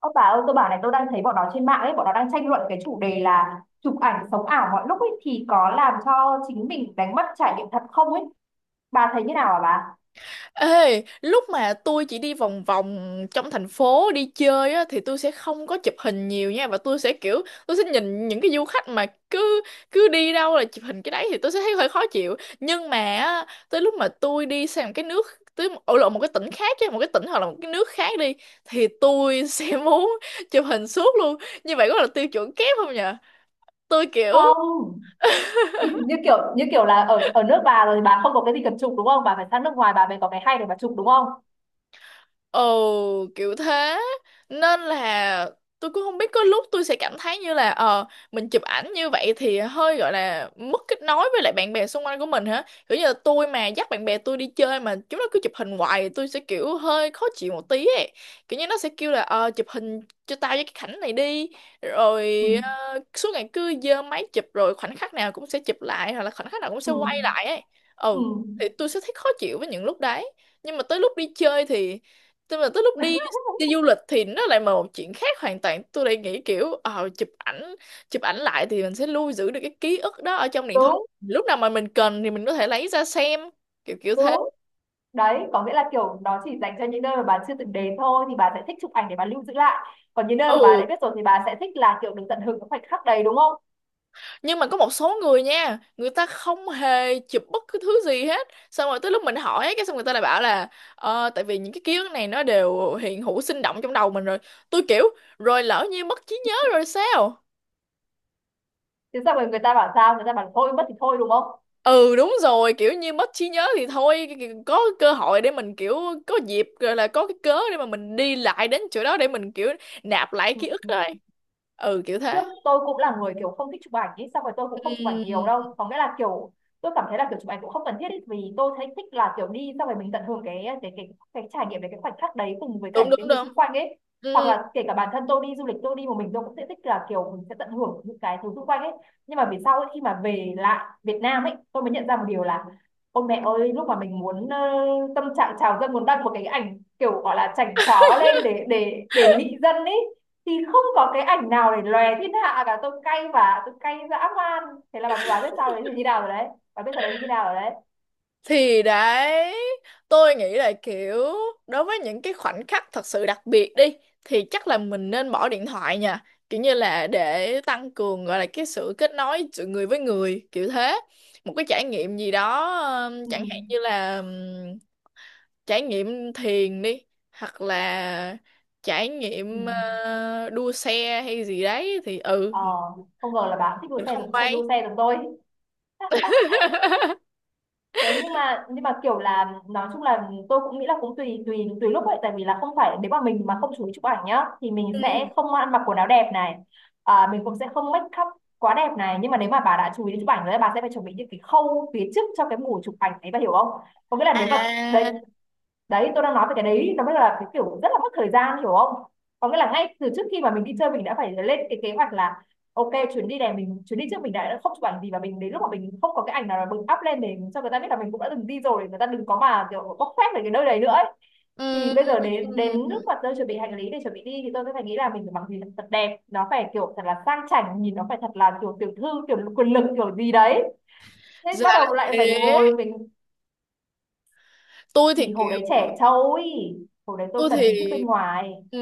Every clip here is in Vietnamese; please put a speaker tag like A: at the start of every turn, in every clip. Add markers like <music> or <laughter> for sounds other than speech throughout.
A: Ơ bà ơi, tôi bảo này, tôi đang thấy bọn nó trên mạng ấy, bọn nó đang tranh luận cái chủ đề là chụp ảnh sống ảo mọi lúc ấy thì có làm cho chính mình đánh mất trải nghiệm thật không ấy. Bà thấy như nào hả bà?
B: Ê, lúc mà tôi chỉ đi vòng vòng trong thành phố đi chơi á, thì tôi sẽ không có chụp hình nhiều nha và tôi sẽ kiểu tôi sẽ nhìn những cái du khách mà cứ cứ đi đâu là chụp hình cái đấy thì tôi sẽ thấy hơi khó chịu nhưng mà á, tới lúc mà tôi đi sang một cái nước tới ở lộ một cái tỉnh khác chứ một cái tỉnh hoặc là một cái nước khác đi thì tôi sẽ <laughs> muốn chụp hình suốt luôn. Như vậy có là tiêu chuẩn kép không nhỉ? Tôi kiểu
A: Không. Như kiểu là ở ở nước bà rồi bà không có cái gì cần chụp, đúng không? Bà phải sang nước ngoài bà mới có cái hay để bà chụp, đúng không?
B: ồ kiểu thế. Nên là tôi cũng không biết, có lúc tôi sẽ cảm thấy như là mình chụp ảnh như vậy thì hơi gọi là mất kết nối với lại bạn bè xung quanh của mình hả? Kiểu như là tôi mà dắt bạn bè tôi đi chơi mà chúng nó cứ chụp hình hoài thì tôi sẽ kiểu hơi khó chịu một tí ấy. Kiểu như nó sẽ kêu là chụp hình cho tao với cái cảnh này đi. Rồi
A: Ừ.
B: suốt ngày cứ giơ máy chụp, rồi khoảnh khắc nào cũng sẽ chụp lại, hoặc là khoảnh khắc nào cũng sẽ
A: Ừ.
B: quay lại ấy.
A: Ừ.
B: Ừ, thì tôi sẽ thấy khó chịu với những lúc đấy. Nhưng mà tới lúc đi chơi thì, tức là tới lúc đi đi du lịch thì nó lại một chuyện khác hoàn toàn. Tôi lại nghĩ kiểu chụp ảnh lại thì mình sẽ lưu giữ được cái ký ức đó ở trong điện thoại.
A: Đúng,
B: Lúc nào mà mình cần thì mình có thể lấy ra xem, kiểu kiểu thế.
A: đúng. Đấy, có nghĩa là kiểu nó chỉ dành cho những nơi mà bà chưa từng đến thôi thì bà sẽ thích chụp ảnh để bà lưu giữ lại. Còn những nơi mà bà
B: Ừ,
A: đã biết rồi thì bà sẽ thích là kiểu được tận hưởng cái khoảnh khắc đấy, đúng không?
B: nhưng mà có một số người nha, người ta không hề chụp bất cứ thứ gì hết. Xong rồi tới lúc mình hỏi cái xong người ta lại bảo là tại vì những cái ký ức này nó đều hiện hữu sinh động trong đầu mình rồi. Tôi kiểu rồi lỡ như mất trí nhớ rồi sao?
A: Thế sao rồi người ta bảo, sao người ta bảo thôi mất thì thôi đúng không?
B: Ừ đúng rồi, kiểu như mất trí nhớ thì thôi, có cơ hội để mình kiểu có dịp rồi, là có cái cớ để mà mình đi lại đến chỗ đó để mình kiểu nạp lại ký ức
A: Ừ.
B: thôi. Ừ kiểu
A: Trước
B: thế.
A: tôi cũng là người kiểu không thích chụp ảnh ấy, xong rồi tôi cũng không chụp ảnh nhiều
B: Ừ,
A: đâu, có nghĩa là kiểu tôi cảm thấy là kiểu chụp ảnh cũng không cần thiết ý, vì tôi thấy thích là kiểu đi xong rồi mình tận hưởng cái trải nghiệm đấy, cái khoảnh khắc đấy cùng với cả
B: đúng
A: những cái
B: đúng
A: người
B: đúng.
A: xung quanh ấy, hoặc
B: Ừ.
A: là kể cả bản thân tôi đi du lịch tôi đi một mình tôi cũng sẽ thích là kiểu mình sẽ tận hưởng những cái thứ xung quanh ấy. Nhưng mà về sau ấy, khi mà về lại Việt Nam ấy, tôi mới nhận ra một điều là ôi mẹ ơi, lúc mà mình muốn tâm trạng trào dâng muốn đăng một cái ảnh kiểu gọi là chảnh chó lên để mị dân ấy, thì không có cái ảnh nào để lòe thiên hạ cả. Tôi cay, và tôi cay dã man. Thế là bà mới, bà biết sao đấy thì như nào rồi đấy, bà biết sao đấy thì như nào rồi đấy.
B: Thì đấy, tôi nghĩ là kiểu đối với những cái khoảnh khắc thật sự đặc biệt đi thì chắc là mình nên bỏ điện thoại nha, kiểu như là để tăng cường gọi là cái sự kết nối giữa người với người, kiểu thế. Một cái trải nghiệm gì đó,
A: Ừ.
B: chẳng hạn như là trải nghiệm thiền đi, hoặc là trải
A: Ừ.
B: nghiệm đua xe hay gì đấy thì ừ,
A: ờ Không ngờ là bà cũng thích đua
B: mình
A: xe,
B: không
A: giống xem
B: quay.
A: đua xe giống tôi. Thế nhưng mà, nhưng mà kiểu là nói chung là tôi cũng nghĩ là cũng tùy tùy tùy lúc vậy, tại vì là không phải nếu mà mình mà không chú ý chụp ảnh nhá thì mình sẽ
B: Ừ.
A: không ăn mặc quần áo đẹp này, à, mình cũng sẽ không make up quá đẹp này, nhưng mà nếu mà bà đã chú ý đến chụp ảnh rồi bà sẽ phải chuẩn bị những cái khâu phía trước cho cái mùa chụp ảnh ấy, bà hiểu không? Có nghĩa là nếu mà, đấy,
B: À.
A: đấy, tôi đang nói về cái đấy, nó mới là cái kiểu rất là mất thời gian, hiểu không? Có nghĩa là ngay từ trước khi mà mình đi chơi mình đã phải lên cái kế hoạch là ok, chuyến đi này mình, chuyến đi trước mình đã không chụp ảnh gì, và mình đến lúc mà mình không có cái ảnh nào là mình up lên để cho người ta biết là mình cũng đã từng đi rồi, để người ta đừng có mà kiểu bóc phét về cái nơi đấy nữa ấy. Thì
B: Ừ.
A: bây giờ đến, đến
B: Ừ.
A: lúc mà tôi chuẩn bị hành lý để chuẩn bị đi thì tôi sẽ phải nghĩ là mình phải mặc gì thật đẹp, nó phải kiểu thật là sang chảnh, nhìn nó phải thật là kiểu tiểu thư, kiểu quyền lực kiểu gì đấy. Thế bắt
B: Là
A: đầu lại phải
B: thế.
A: ngồi mình.
B: Tôi thì
A: Thì
B: kiểu
A: hồi đấy trẻ trâu ý, hồi đấy tôi
B: tôi
A: cần hình thức
B: thì
A: bên ngoài.
B: ừ.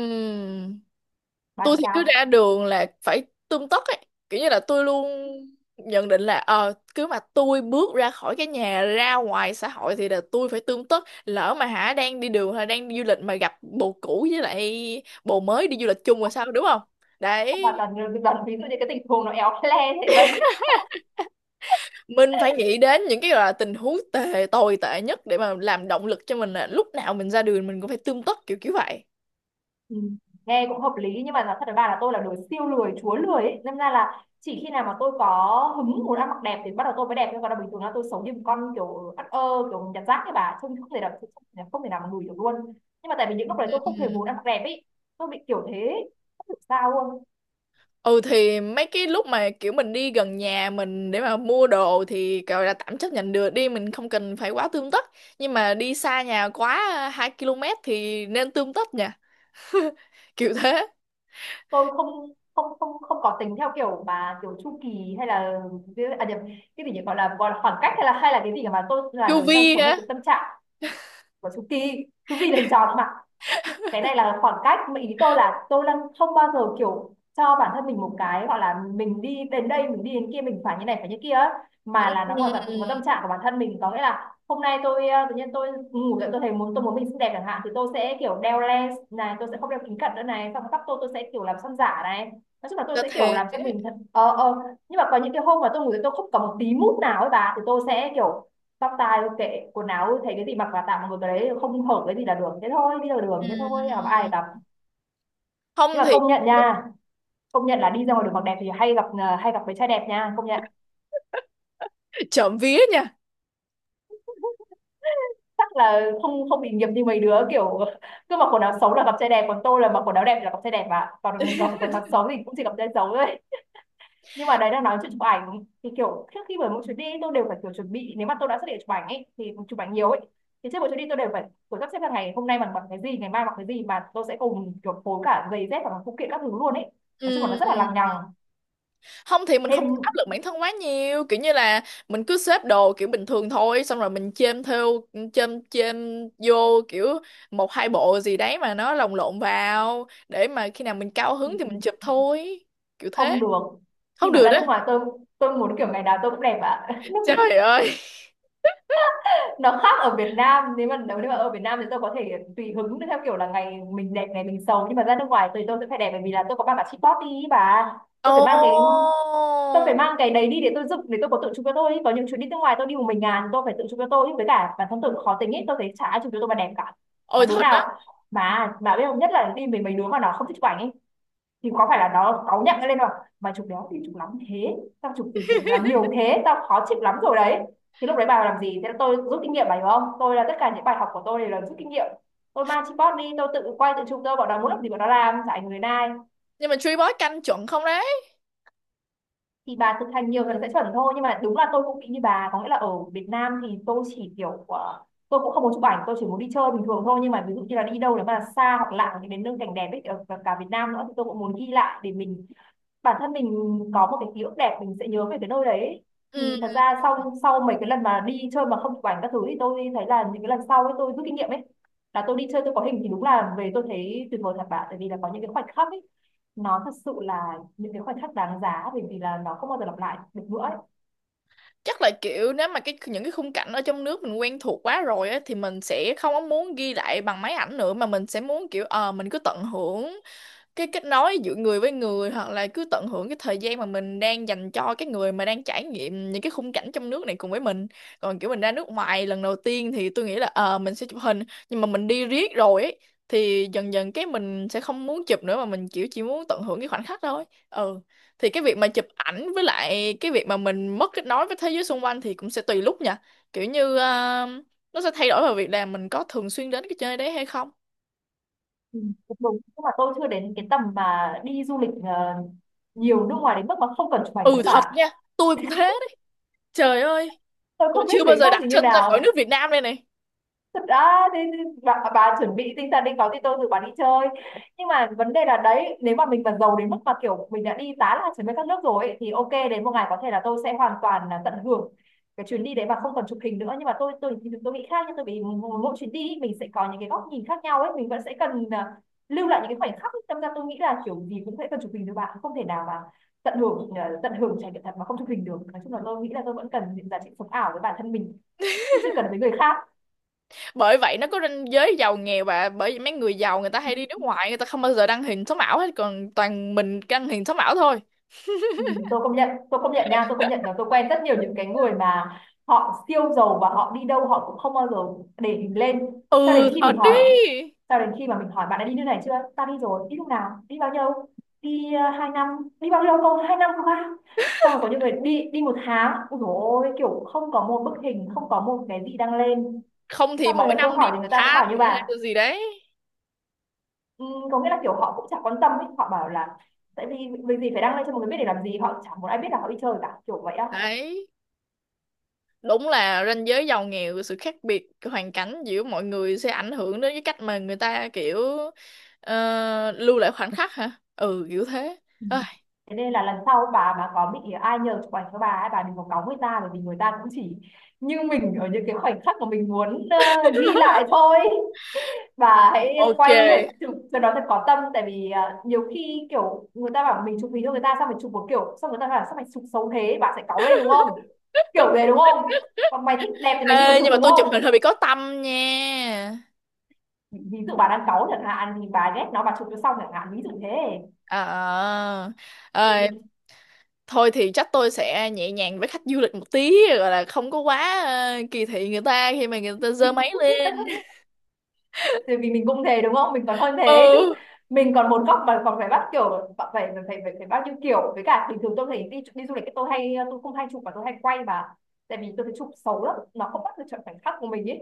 A: Bạn
B: Tôi thì cứ
A: sao.
B: ra đường là phải tươm tất ấy, kiểu như là tôi luôn nhận định là cứ mà tôi bước ra khỏi cái nhà ra ngoài xã hội thì là tôi phải tươm tất. Lỡ mà hả, đang đi đường hay đang đi du lịch mà gặp bồ cũ với lại bồ mới đi du lịch chung rồi sao, đúng không?
A: Sao bà
B: Đấy,
A: toàn, toàn ví dụ như cái tình huống nó éo le thế vậy? <laughs>
B: mình phải nghĩ đến những cái gọi là tình huống tệ, tồi tệ nhất để mà làm động lực cho mình là lúc nào mình ra đường mình cũng phải tươm tất, kiểu kiểu vậy.
A: Ừ. Nghe cũng hợp lý, nhưng mà nói thật với bà là tôi là đứa siêu lười, chúa lười ấy. Nên ra là chỉ khi nào mà tôi có hứng muốn ăn mặc đẹp thì bắt đầu tôi mới đẹp, nhưng còn là bình thường là tôi sống như một con kiểu ất ơ, kiểu nhặt rác ấy, bà trông không thể nào, không thể nào mà lùi được luôn. Nhưng mà tại vì những lúc đấy tôi
B: Ừ.
A: không hề muốn ăn mặc đẹp ấy, tôi bị kiểu thế, không hiểu sao luôn.
B: Ừ thì mấy cái lúc mà kiểu mình đi gần nhà mình để mà mua đồ thì gọi là tạm chấp nhận được đi, mình không cần phải quá tươm tất, nhưng mà đi xa nhà quá 2 km thì nên tươm tất nha. <laughs> Kiểu thế.
A: Tôi không, không có tính theo kiểu mà kiểu chu kỳ, hay là, à nhầm, cái gì nhỉ, gọi là, gọi là khoảng cách, hay là, hay là cái gì, mà tôi
B: Chu
A: là người
B: vi
A: theo sống
B: á.
A: theo cái tâm trạng của, chu kỳ, chu kỳ là hình tròn nữa mà. Cái này là khoảng cách mà. Ý tôi là tôi đang không bao giờ kiểu cho bản thân mình một cái gọi là mình đi đến đây mình đi đến kia mình phải như này phải như kia ấy, mà là nó hoàn toàn phụ vào
B: Ừ,
A: tâm trạng của bản thân mình. Có nghĩa là hôm nay tôi, tự nhiên tôi ngủ dậy tôi thấy muốn, tôi muốn mình xinh đẹp chẳng hạn, thì tôi sẽ kiểu đeo lens này, tôi sẽ không đeo kính cận nữa này, xong tóc tôi sẽ kiểu làm son giả này, nói chung là tôi
B: là
A: sẽ kiểu
B: thế.
A: làm cho mình thật nhưng mà có những cái hôm mà tôi ngủ dậy tôi không có một tí mút nào ấy bà, thì tôi sẽ kiểu tóc tai kệ, quần áo thấy cái gì mặc vào, tạm một cái đấy không hợp cái gì là được, thế thôi, đi ra đường thế thôi, à, mà
B: Ừ.
A: ai gặp. Nhưng
B: Không
A: mà
B: thì
A: công nhận nha, công nhận là đi ra ngoài đường mặc đẹp thì hay gặp, à, hay gặp với trai đẹp nha, công nhận.
B: <laughs> trộm vía nha.
A: Chắc là không, không bị nghiệp như mấy đứa kiểu cứ mặc quần áo xấu là gặp trai đẹp, còn tôi là mặc quần áo đẹp thì là gặp trai đẹp ạ, còn gặp quần áo xấu thì cũng chỉ gặp trai xấu thôi. Nhưng mà đấy, đang nói chuyện chụp ảnh, thì kiểu trước khi, bởi mỗi chuyến đi tôi đều phải kiểu chuẩn bị, nếu mà tôi đã xác định chụp ảnh ấy thì chụp ảnh nhiều ấy, thì trước mỗi chuyến đi tôi đều phải kiểu sắp xếp là ngày hôm nay bằng, bằng cái gì, ngày mai bằng cái gì, mà tôi sẽ cùng kiểu phối cả giày dép và cả phụ kiện các thứ luôn ấy. Nói chung là nó rất là lằng
B: Ừ.
A: nhằng.
B: Không thì mình
A: Thêm.
B: không có áp lực bản thân quá nhiều, kiểu như là mình cứ xếp đồ kiểu bình thường thôi, xong rồi mình chêm theo, chêm chêm vô kiểu một hai bộ gì đấy mà nó lồng lộn vào để mà khi nào mình cao hứng thì mình chụp thôi, kiểu thế.
A: Không được. Khi
B: Không
A: mà
B: được
A: ra nước
B: á.
A: ngoài tôi muốn kiểu ngày nào tôi cũng đẹp ạ. <laughs> Nước
B: Trời ơi.
A: nó khác, ở Việt Nam, nếu mà, nếu mà ở Việt Nam thì tôi có thể tùy hứng theo kiểu là ngày mình đẹp ngày mình xấu, nhưng mà ra nước ngoài thì tôi sẽ phải đẹp, bởi vì là tôi có ba bà chị đi và,
B: Ồ.
A: tôi phải mang cái tôi phải mang cái đấy đi để tôi dựng, để tôi có tự chụp cho tôi ý. Có những chuyến đi nước ngoài tôi đi một mình ngàn, tôi phải tự chụp cho tôi ý. Với cả bản thân tôi cũng khó tính ấy, tôi thấy chả ai chụp cho tôi mà đẹp cả. Mà
B: Ôi
A: đứa
B: thật á.
A: nào, mà biết không, nhất là đi mình mấy đứa mà nó không thích chụp ảnh ấy, thì có phải là nó cáu nhận lên không: mà chụp đéo thì chụp lắm thế, tao chụp gì chụp làm nhiều thế, tao khó chịu lắm rồi đấy. Thì lúc đấy bà làm gì, thế là tôi rút kinh nghiệm, bà hiểu không, tôi là tất cả những bài học của tôi đều là rút kinh nghiệm. Tôi mang tripod đi, tôi tự quay tự chụp tôi, bọn nó muốn làm gì bọn nó làm, chả ảnh người này.
B: Nhưng mà Tree Boy canh chuẩn không đấy?
A: Thì bà thực hành nhiều lần sẽ chuẩn thôi. Nhưng mà đúng là tôi cũng bị như bà, có nghĩa là ở Việt Nam thì tôi chỉ kiểu tôi cũng không muốn chụp ảnh, tôi chỉ muốn đi chơi bình thường thôi, nhưng mà ví dụ như là đi đâu nếu mà xa hoặc lạ, những đến nơi cảnh đẹp ấy, ở cả, cả Việt Nam nữa, thì tôi cũng muốn ghi lại để mình, bản thân mình có một cái ký ức đẹp, mình sẽ nhớ về cái nơi đấy. Thì
B: Ừ,
A: thật ra sau, sau mấy cái lần mà đi chơi mà không chụp ảnh các thứ thì tôi thấy là những cái lần sau ấy tôi rút kinh nghiệm ấy, là tôi đi chơi tôi có hình thì đúng là về tôi thấy tuyệt vời thật bạn, tại vì là có những cái khoảnh khắc ấy nó thật sự là những cái khoảnh khắc đáng giá, bởi vì là nó không bao giờ lặp lại được nữa ấy.
B: chắc là kiểu nếu mà cái những cái khung cảnh ở trong nước mình quen thuộc quá rồi á thì mình sẽ không có muốn ghi lại bằng máy ảnh nữa, mà mình sẽ muốn kiểu mình cứ tận hưởng cái kết nối giữa người với người, hoặc là cứ tận hưởng cái thời gian mà mình đang dành cho cái người mà đang trải nghiệm những cái khung cảnh trong nước này cùng với mình. Còn kiểu mình ra nước ngoài lần đầu tiên thì tôi nghĩ là mình sẽ chụp hình, nhưng mà mình đi riết rồi ấy thì dần dần cái mình sẽ không muốn chụp nữa, mà mình kiểu chỉ muốn tận hưởng cái khoảnh khắc thôi. Ừ, thì cái việc mà chụp ảnh với lại cái việc mà mình mất kết nối với thế giới xung quanh thì cũng sẽ tùy lúc nha, kiểu như nó sẽ thay đổi vào việc là mình có thường xuyên đến cái chơi đấy hay không.
A: Ừ. Cũng đúng nhưng mà tôi chưa đến cái tầm mà đi du lịch nhiều nước ngoài đến mức mà không cần chụp ảnh nữa
B: Ừ thật
A: bạn.
B: nha, tôi cũng thế đấy. Trời ơi.
A: Tôi
B: Tôi
A: không biết
B: chưa bao
A: người
B: giờ
A: khác
B: đặt
A: thì như
B: chân ra khỏi
A: nào.
B: nước Việt Nam đây này.
A: Thật ra thì bà chuẩn bị tinh thần đi, có thì tôi rủ bà đi chơi. Nhưng mà vấn đề là đấy, nếu mà mình mà giàu đến mức mà kiểu mình đã đi tá là chuẩn bị các nước rồi ấy, thì ok, đến một ngày có thể là tôi sẽ hoàn toàn là tận hưởng cái chuyến đi đấy mà không cần chụp hình nữa. Nhưng mà tôi tôi nghĩ khác, nhưng tôi bị mỗi mỗi chuyến đi mình sẽ có những cái góc nhìn khác nhau ấy, mình vẫn sẽ cần lưu lại những cái khoảnh khắc ấy. Tâm ra tôi nghĩ là kiểu gì cũng sẽ cần chụp hình được bạn, không thể nào mà tận hưởng tận hưởng trải nghiệm thật mà không chụp hình được. Nói chung là tôi nghĩ là tôi vẫn cần những giá trị sống ảo với bản thân mình, chứ chưa cần với người khác.
B: Bởi vậy nó có ranh giới giàu nghèo, và bởi vì mấy người giàu người ta hay đi nước ngoài, người ta không bao giờ đăng hình sống ảo hết, còn toàn mình đăng hình sống ảo thôi.
A: Ừ, tôi công nhận, tôi công nhận nha, tôi công nhận là tôi quen rất nhiều những cái người mà họ siêu giàu và họ đi đâu họ cũng không bao giờ để mình lên,
B: Ừ,
A: cho đến khi mình
B: thật đi.
A: hỏi. Cho đến khi mà mình hỏi bạn đã đi nước này chưa, ta đi rồi, đi lúc nào, đi bao nhiêu, đi 2 năm, đi bao nhiêu, không, 2 năm, không à? Xong rồi có những người đi đi 1 tháng, ôi dồi ôi, kiểu không có một bức hình, không có một cái gì đăng lên.
B: Không thì
A: Xong
B: mỗi
A: rồi
B: năm
A: tôi
B: đi
A: hỏi thì
B: một
A: người ta cũng
B: tháng
A: bảo như
B: hay
A: bà.
B: là gì đấy.
A: Ừ, có nghĩa là kiểu họ cũng chả quan tâm ấy, họ bảo là tại vì vì gì phải đăng lên cho mọi người biết để làm gì, họ chẳng muốn ai biết là họ đi chơi cả, kiểu vậy á.
B: Đấy, đúng là ranh giới giàu nghèo, sự khác biệt hoàn cảnh giữa mọi người sẽ ảnh hưởng đến cái cách mà người ta kiểu lưu lại khoảnh khắc hả? Ừ, kiểu thế.
A: Ừ.
B: Ôi,
A: Thế nên là lần sau bà mà có bị ai nhờ chụp ảnh cho bà ấy, bà đừng có cáu người ta, bởi vì người ta cũng chỉ như mình ở những cái khoảnh khắc mà mình muốn ghi lại thôi. Bà hãy
B: ok.
A: quay và chụp cho nó thật có tâm, tại vì nhiều khi kiểu người ta bảo mình chụp hình cho người ta, xong mình chụp một kiểu, xong người ta bảo sao mày chụp xấu thế, bà sẽ cáu lên đúng không? Kiểu về đúng không? Còn mày thích đẹp thì mày đi mà
B: Ê,
A: chụp
B: nhưng mà
A: đúng
B: tôi chụp hình
A: không?
B: hơi bị có tâm nha.
A: Ví ví dụ bà đang cáu chẳng hạn, thì bà ghét nó bà chụp cho xong chẳng hạn, ví dụ thế
B: À, ờ,
A: thì
B: thôi thì chắc tôi sẽ nhẹ nhàng với khách du lịch một tí, gọi là không có quá kỳ thị người ta khi mà người ta giơ máy lên.
A: <laughs> thì vì mình cũng thế đúng không, mình còn hơn
B: <laughs>
A: thế chứ.
B: Ừ.
A: Mình còn một góc mà còn phải bắt kiểu phải phải phải phải, phải bao nhiêu kiểu. Với cả bình thường tôi thấy đi đi du lịch tôi hay, tôi không hay chụp mà tôi hay quay mà, tại vì tôi thấy chụp xấu lắm, nó không bắt được chuẩn khoảnh khắc của mình ấy.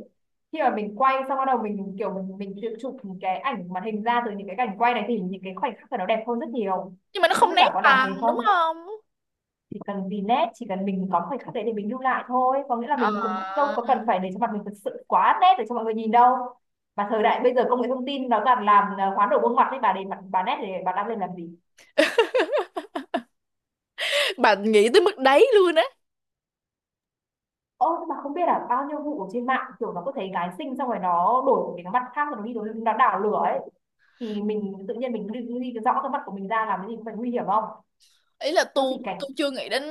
A: Khi mà mình quay xong bắt đầu mình kiểu mình tự chụp những cái ảnh màn hình ra từ những cái cảnh quay này thì những cái khoảnh khắc của nó đẹp hơn rất nhiều.
B: Nhưng mà nó
A: Không
B: không
A: biết bạn
B: nét
A: có làm thế
B: bằng đúng
A: không,
B: không?
A: chỉ cần vì nét, chỉ cần mình có khoảnh khắc đấy để mình lưu lại thôi, có nghĩa là
B: Ờ,
A: mình cũng đâu có cần phải để cho mặt mình thật sự quá nét để cho mọi người nhìn đâu. Mà thời đại bây giờ công nghệ thông tin nó toàn làm hoán đổi gương mặt đấy, bà để mặt bà nét để bà đăng lên làm gì?
B: bạn nghĩ tới mức đấy luôn á?
A: Ô, nhưng mà không biết là bao nhiêu vụ ở trên mạng kiểu nó có thấy gái xinh xong rồi nó đổi một cái mặt khác rồi nó đi đổi, nó đảo lửa ấy, thì mình tự nhiên mình đi ghi cái rõ cái mặt của mình ra làm cái gì, cũng phải nguy hiểm không?
B: Ý là
A: Đâu chỉ
B: tôi
A: cảnh
B: tôi chưa nghĩ đến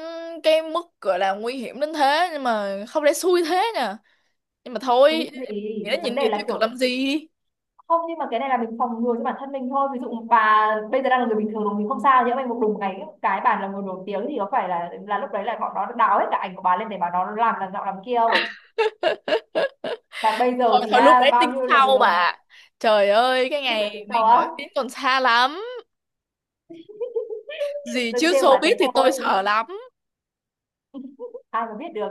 B: cái mức gọi là nguy hiểm đến thế, nhưng mà không lẽ xui thế nè. Nhưng mà
A: thú
B: thôi, nghĩ
A: gì,
B: đến
A: vấn
B: nhìn
A: đề
B: điều
A: là
B: tiêu cực
A: kiểu
B: làm gì.
A: không, nhưng mà cái này là mình phòng ngừa cho bản thân mình thôi. Ví dụ bà bây giờ đang là người bình thường rồi mình không sao, nhỡ may một đùng ngày cái bà là người nổi tiếng thì có phải là lúc đấy là bọn nó đào hết cả ảnh của bà lên để bà nó làm giọng làm kia không? Và bây giờ
B: Thôi
A: thì
B: thôi, lúc đấy
A: bao
B: tính
A: nhiêu là được.
B: sau bà. Trời ơi, cái
A: Lúc đấy tính
B: ngày
A: sau
B: mình
A: á.
B: nổi tiếng còn xa lắm. Gì
A: Tôi
B: chứ
A: chê bà thế
B: showbiz thì tôi
A: thôi.
B: sợ lắm.
A: <laughs> Ai mà biết được,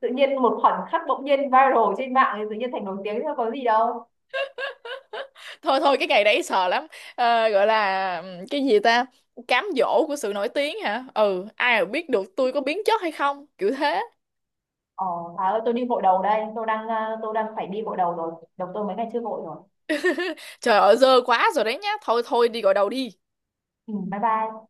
A: tự nhiên một khoảnh khắc bỗng nhiên viral trên mạng thì tự nhiên thành nổi tiếng thôi, có gì đâu.
B: Thôi thôi, cái ngày đấy sợ lắm. Ờ, gọi là cái gì ta, cám dỗ của sự nổi tiếng hả? Ừ ai mà biết được, tôi có biến chất hay không, kiểu thế.
A: Ờ, bà ơi tôi đi gội đầu đây, tôi đang tôi đang phải đi gội đầu rồi, đầu tôi mấy ngày chưa gội rồi.
B: Trời ơi dơ quá rồi đấy nhá, thôi thôi đi gọi đầu đi.
A: Ừ, bye bye.